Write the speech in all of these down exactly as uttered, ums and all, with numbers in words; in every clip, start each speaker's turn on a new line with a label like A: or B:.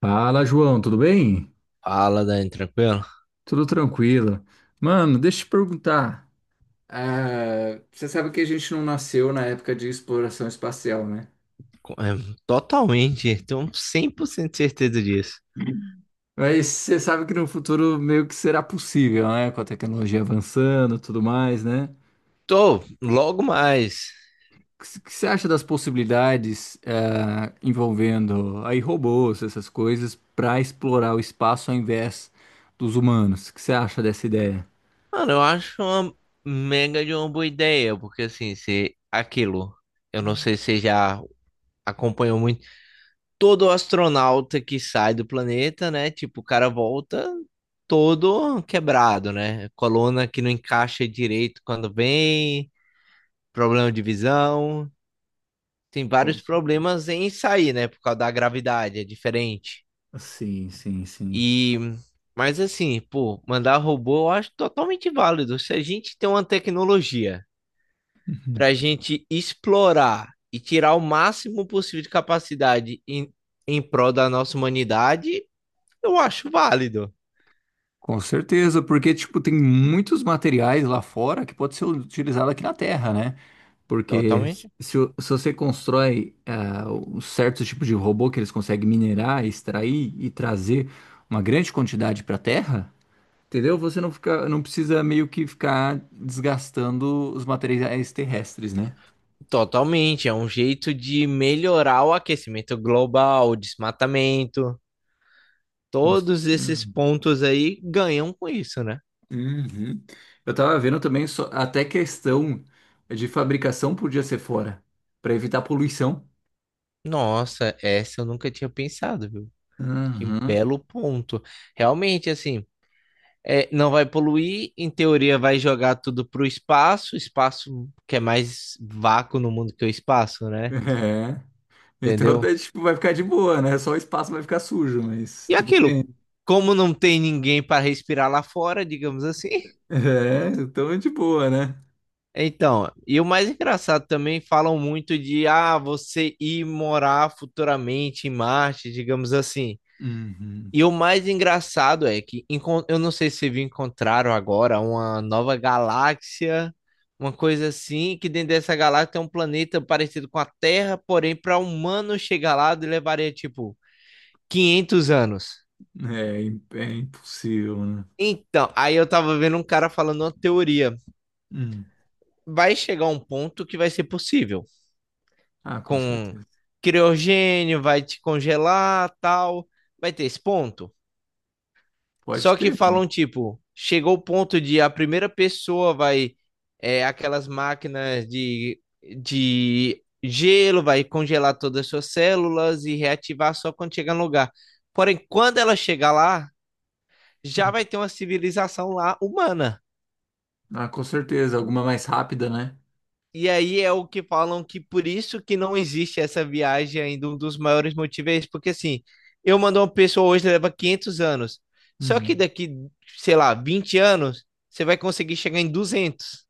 A: Fala, João, tudo bem?
B: Fala, Dani, tranquilo?
A: Tudo tranquilo. Mano, deixa eu te perguntar. Ah, você sabe que a gente não nasceu na época de exploração espacial, né?
B: Co- é, totalmente, tenho cem por cento certeza disso.
A: Mas você sabe que no futuro meio que será possível, né? Com a tecnologia avançando, e tudo mais, né?
B: Tô, logo mais.
A: O que c- que você acha das possibilidades ah, envolvendo aí robôs, essas coisas, para explorar o espaço ao invés dos humanos? O que você acha dessa ideia?
B: Mano, eu acho uma mega de uma boa ideia, porque assim, se aquilo, eu não sei se você já acompanhou muito, todo astronauta que sai do planeta, né? Tipo, o cara volta todo quebrado, né? Coluna que não encaixa direito quando vem, problema de visão. Tem
A: Com-
B: vários problemas em sair, né? Por causa da gravidade, é diferente.
A: sim, sim, sim.
B: E, mas assim, pô, mandar robô eu acho totalmente válido. Se a gente tem uma tecnologia para gente explorar e tirar o máximo possível de capacidade em, em prol da nossa humanidade, eu acho válido.
A: Com certeza, porque tipo tem muitos materiais lá fora que pode ser utilizado aqui na Terra, né? Porque
B: Totalmente.
A: se, o- se você constrói ah, um certo tipo de robô que eles conseguem minerar, extrair e trazer uma grande quantidade para a Terra, entendeu? Você não fica, não precisa meio que ficar desgastando os materiais terrestres, né?
B: Totalmente. É um jeito de melhorar o aquecimento global, o desmatamento.
A: Com c-
B: Todos esses pontos aí ganham com isso, né?
A: uhum. Eu tava vendo também só- até questão de fabricação podia ser fora, para evitar poluição.
B: Nossa, essa eu nunca tinha pensado, viu? Que
A: Uhum.
B: belo ponto. Realmente, assim. É, não vai poluir, em teoria vai jogar tudo pro espaço, espaço que é mais vácuo no mundo que o espaço, né?
A: É. Então,
B: Entendeu?
A: daí, tipo, vai ficar de boa, né? Só o espaço vai ficar sujo, mas
B: E
A: tudo
B: aquilo,
A: bem.
B: como não tem ninguém para respirar lá fora, digamos assim.
A: É, então é de boa, né?
B: Então, e o mais engraçado também falam muito de ah, você ir morar futuramente em Marte, digamos assim.
A: Uhum.
B: E o mais engraçado é que encon- eu não sei se vi- encontraram agora uma nova galáxia, uma coisa assim, que dentro dessa galáxia tem um planeta parecido com a Terra, porém para humano chegar lá levaria tipo quinhentos anos.
A: É, im- é impossível, né?
B: Então, aí eu tava vendo um cara falando uma teoria.
A: Hum.
B: Vai chegar um ponto que vai ser possível.
A: Ah, com
B: Com
A: certeza.
B: criogênio, vai te congelar, tal. Vai ter esse ponto?
A: Pode
B: Só que
A: ter, mano.
B: falam, tipo, chegou o ponto de a primeira pessoa vai. É, aquelas máquinas de, de gelo, vai congelar todas as suas células e reativar só quando chegar no lugar. Porém, quando ela chegar lá, já vai
A: Hum.
B: ter uma civilização lá humana.
A: Ah, com certeza. Alguma mais rápida, né?
B: E aí é o que falam que por isso que não existe essa viagem ainda, um dos maiores motivos é esse, porque assim, eu mandar uma pessoa hoje leva quinhentos anos, só que
A: Uhum.
B: daqui, sei lá, vinte anos, você vai conseguir chegar em duzentos.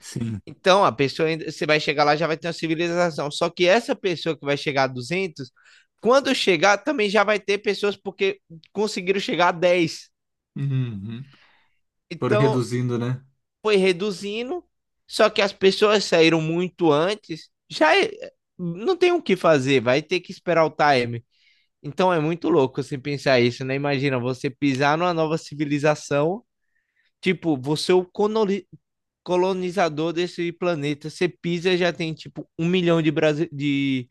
A: Sim.
B: Então, a pessoa, ainda- você vai chegar lá, já vai ter uma civilização, só que essa pessoa que vai chegar a duzentos, quando chegar, também já vai ter pessoas porque conseguiram chegar a dez.
A: Uhum. Foram
B: Então,
A: reduzindo, né?
B: foi reduzindo, só que as pessoas saíram muito antes. Já é- não tem o que fazer, vai ter que esperar o time. Então é muito louco você pensar isso, né? Imagina você pisar numa nova civilização, tipo, você é o coloni- colonizador desse planeta, você pisa e já tem tipo um milhão de, brasi- de,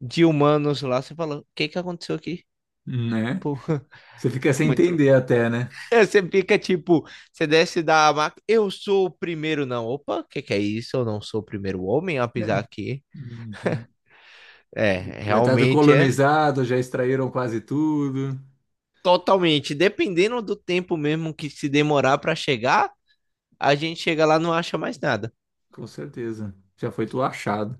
B: de humanos lá. Você fala, o que que aconteceu aqui?
A: Né?
B: Tipo,
A: Você fica
B: é
A: sem
B: muito
A: entender até, né?
B: é, você fica tipo, você desce da máquina, eu sou o primeiro, não. Opa, o que que é isso? Eu não sou o primeiro homem a pisar
A: É.
B: aqui.
A: Uhum.
B: É,
A: Já tá tudo
B: realmente é
A: colonizado, já extraíram quase tudo.
B: totalmente, dependendo do tempo mesmo que se demorar para chegar, a gente chega lá e não acha mais nada.
A: Com certeza. Já foi tudo achado.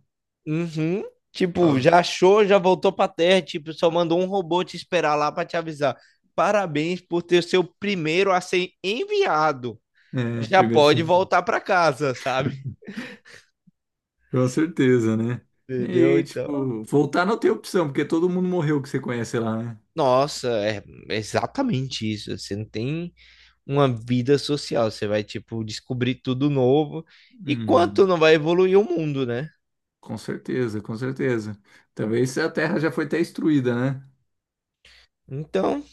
B: Uhum. Tipo,
A: Ó,
B: já achou, já voltou pra terra, tipo, só mandou um robô te esperar lá para te avisar. Parabéns por ter seu primeiro a ser enviado.
A: é,
B: Já
A: primeiro
B: pode
A: sim,
B: voltar para casa, sabe?
A: com certeza, né?
B: Entendeu?
A: E,
B: Então,
A: tipo, voltar não tem opção, porque todo mundo morreu que você conhece lá, né?
B: nossa, é exatamente isso. Você não tem uma vida social. Você vai, tipo, descobrir tudo novo. E
A: Hum,
B: quanto não vai evoluir o mundo, né?
A: com certeza, com certeza. Talvez a Terra já foi até destruída, né?
B: Então,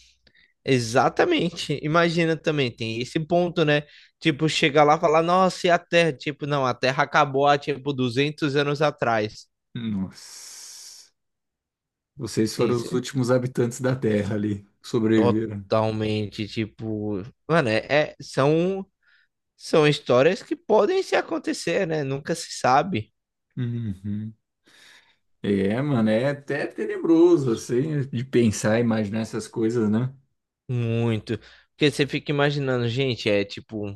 B: exatamente. Imagina também, tem esse ponto, né? Tipo, chegar lá e falar, nossa, e a Terra? Tipo, não, a Terra acabou há, tipo, duzentos anos atrás.
A: Nossa. Vocês
B: Tem
A: foram os
B: esse-
A: últimos habitantes da Terra ali, que sobreviveram.
B: Totalmente, tipo... Mano, é, é- são, são histórias que podem se acontecer, né? Nunca se sabe.
A: Uhum. É, mano, é até tenebroso, assim, de pensar e imaginar essas coisas, né?
B: Muito. Porque você fica imaginando, gente, é tipo,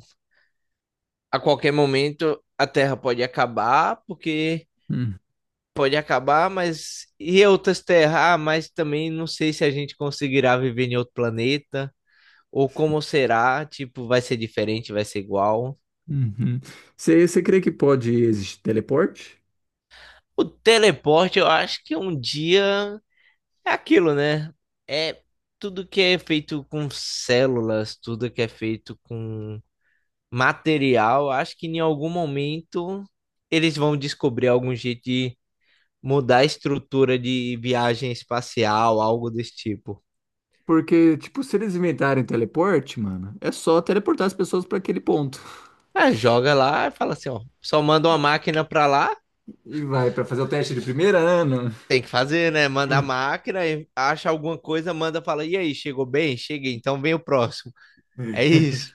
B: a qualquer momento a Terra pode acabar, porque
A: Hum,
B: pode acabar, mas e outras terras? Ah, mas também não sei se a gente conseguirá viver em outro planeta, ou como será, tipo, vai ser diferente, vai ser igual.
A: uhum. Você, você crê que pode existir teleporte?
B: O teleporte, eu acho que um dia é aquilo, né? É tudo que é feito com células, tudo que é feito com material, acho que em algum momento eles vão descobrir algum jeito de mudar a estrutura de viagem espacial, algo desse tipo.
A: Porque, tipo, se eles inventarem teleporte, mano, é só teleportar as pessoas pra aquele ponto.
B: É, joga lá e fala assim, ó, só manda uma máquina pra lá,
A: E vai pra fazer o teste de primeira, ano.
B: tem que fazer, né? Manda a máquina, e acha alguma coisa, manda, fala, e aí, chegou bem? Cheguei, então vem o próximo. É isso.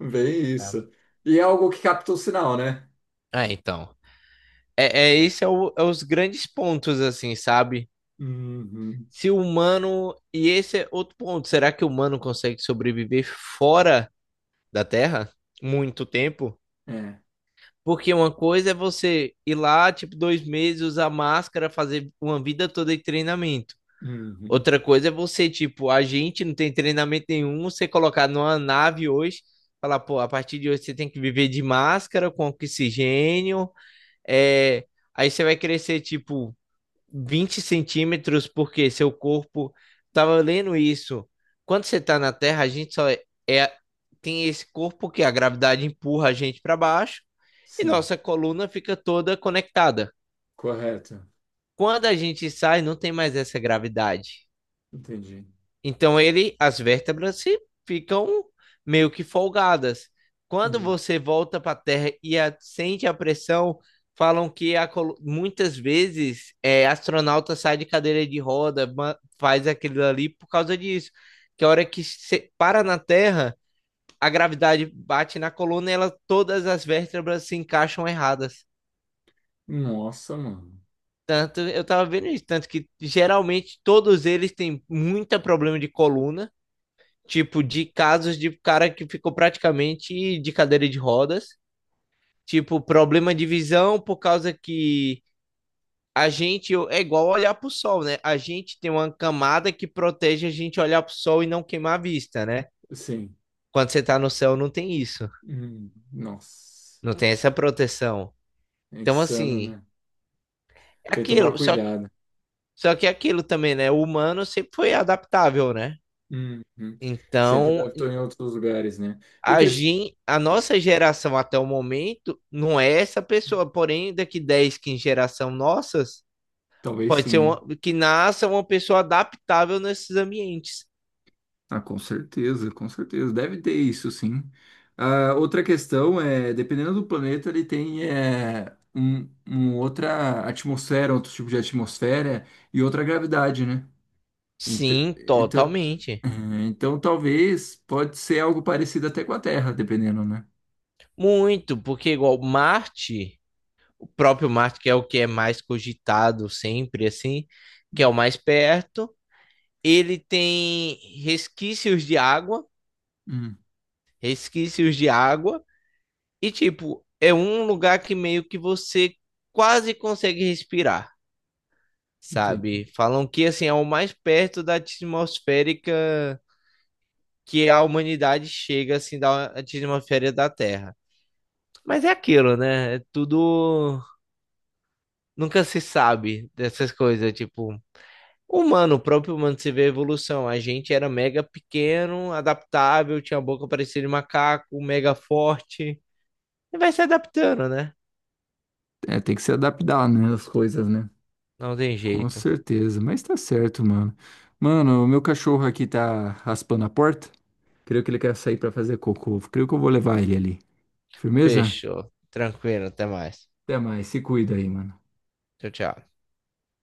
A: Bem
B: Tá.
A: isso. E é algo que capta o sinal, né?
B: É, então. É, é esse é, o- é os grandes pontos, assim, sabe?
A: Uhum.
B: Se o humano. E esse é outro ponto. Será que o humano consegue sobreviver fora da Terra muito tempo.
A: É.
B: Porque uma coisa é você ir lá, tipo, dois meses, usar máscara, fazer uma vida toda de treinamento.
A: Uhum.
B: Outra coisa é você, tipo, a gente não tem treinamento nenhum, você colocar numa nave hoje, falar, pô, a partir de hoje você tem que viver de máscara, com oxigênio, é... aí você vai crescer, tipo, vinte centímetros, porque seu corpo tava lendo isso. Quando você está na Terra, a gente só é, é- tem esse corpo que a gravidade empurra a gente para baixo e
A: Sim.
B: nossa coluna fica toda conectada.
A: Correto.
B: Quando a gente sai, não tem mais essa gravidade.
A: Entendi.
B: Então ele, as vértebras se ficam meio que folgadas. Quando
A: Uhum.
B: você volta para a Terra e a- sente a pressão, falam que a colo- muitas vezes é, astronauta sai de cadeira de roda, ma- faz aquilo ali por causa disso. Que a hora que se para na Terra, a gravidade bate na coluna e ela, todas as vértebras se encaixam erradas.
A: Nossa, mano.
B: Tanto, eu tava vendo isso, tanto que geralmente todos eles têm muito problema de coluna. Tipo, de casos de cara que ficou praticamente de cadeira de rodas, tipo, problema de visão por causa que a gente é igual olhar pro sol, né? A gente tem uma camada que protege a gente olhar pro sol e não queimar a vista, né?
A: Sim.
B: Quando você tá no céu, não tem isso,
A: Uhum. Nossa.
B: não tem essa proteção.
A: É
B: Então,
A: insano,
B: assim,
A: né?
B: é
A: Tem que tomar
B: aquilo, só que,
A: cuidado.
B: só que é aquilo também, né? O humano sempre foi adaptável, né?
A: Uhum. Sempre
B: Então,
A: adaptou em outros lugares, né? E
B: a
A: que...
B: gen- a nossa geração até o momento não é essa pessoa, porém daqui dez, quinze geração nossas,
A: Talvez
B: pode
A: sim,
B: ser
A: né?
B: uma, que nasça uma pessoa adaptável nesses ambientes.
A: Ah, com certeza, com certeza. Deve ter isso, sim. Ah, outra questão é, dependendo do planeta, ele tem é, um, um outra atmosfera, outro tipo de atmosfera e outra gravidade, né? Ent-
B: Sim,
A: então, eh,
B: totalmente.
A: então talvez pode ser algo parecido até com a Terra, dependendo, né?
B: Muito, porque igual Marte, o próprio Marte, que é o que é mais cogitado sempre assim, que é o mais perto, ele tem resquícios de água,
A: Hum,
B: resquícios de água. E, tipo, é um lugar que meio que você quase consegue respirar,
A: entendi.
B: sabe? Falam que, assim, é o mais perto da atmosférica que a humanidade chega, assim, da atmosfera da Terra. Mas é aquilo, né? É tudo. Nunca se sabe dessas coisas, tipo. Humano, o próprio humano se vê a evolução. A gente era mega pequeno, adaptável, tinha a boca parecida de macaco, mega forte. E vai se adaptando, né?
A: É, tem que se adaptar, né, as coisas, né?
B: Não tem
A: Com
B: jeito.
A: certeza, mas tá certo, mano. Mano, o meu cachorro aqui tá raspando a porta. Creio que ele quer sair pra fazer cocô. Creio que eu vou levar ele ali. Firmeza?
B: Fechou. Tranquilo, até mais.
A: Até mais. Se cuida aí, mano.
B: Tchau, tchau.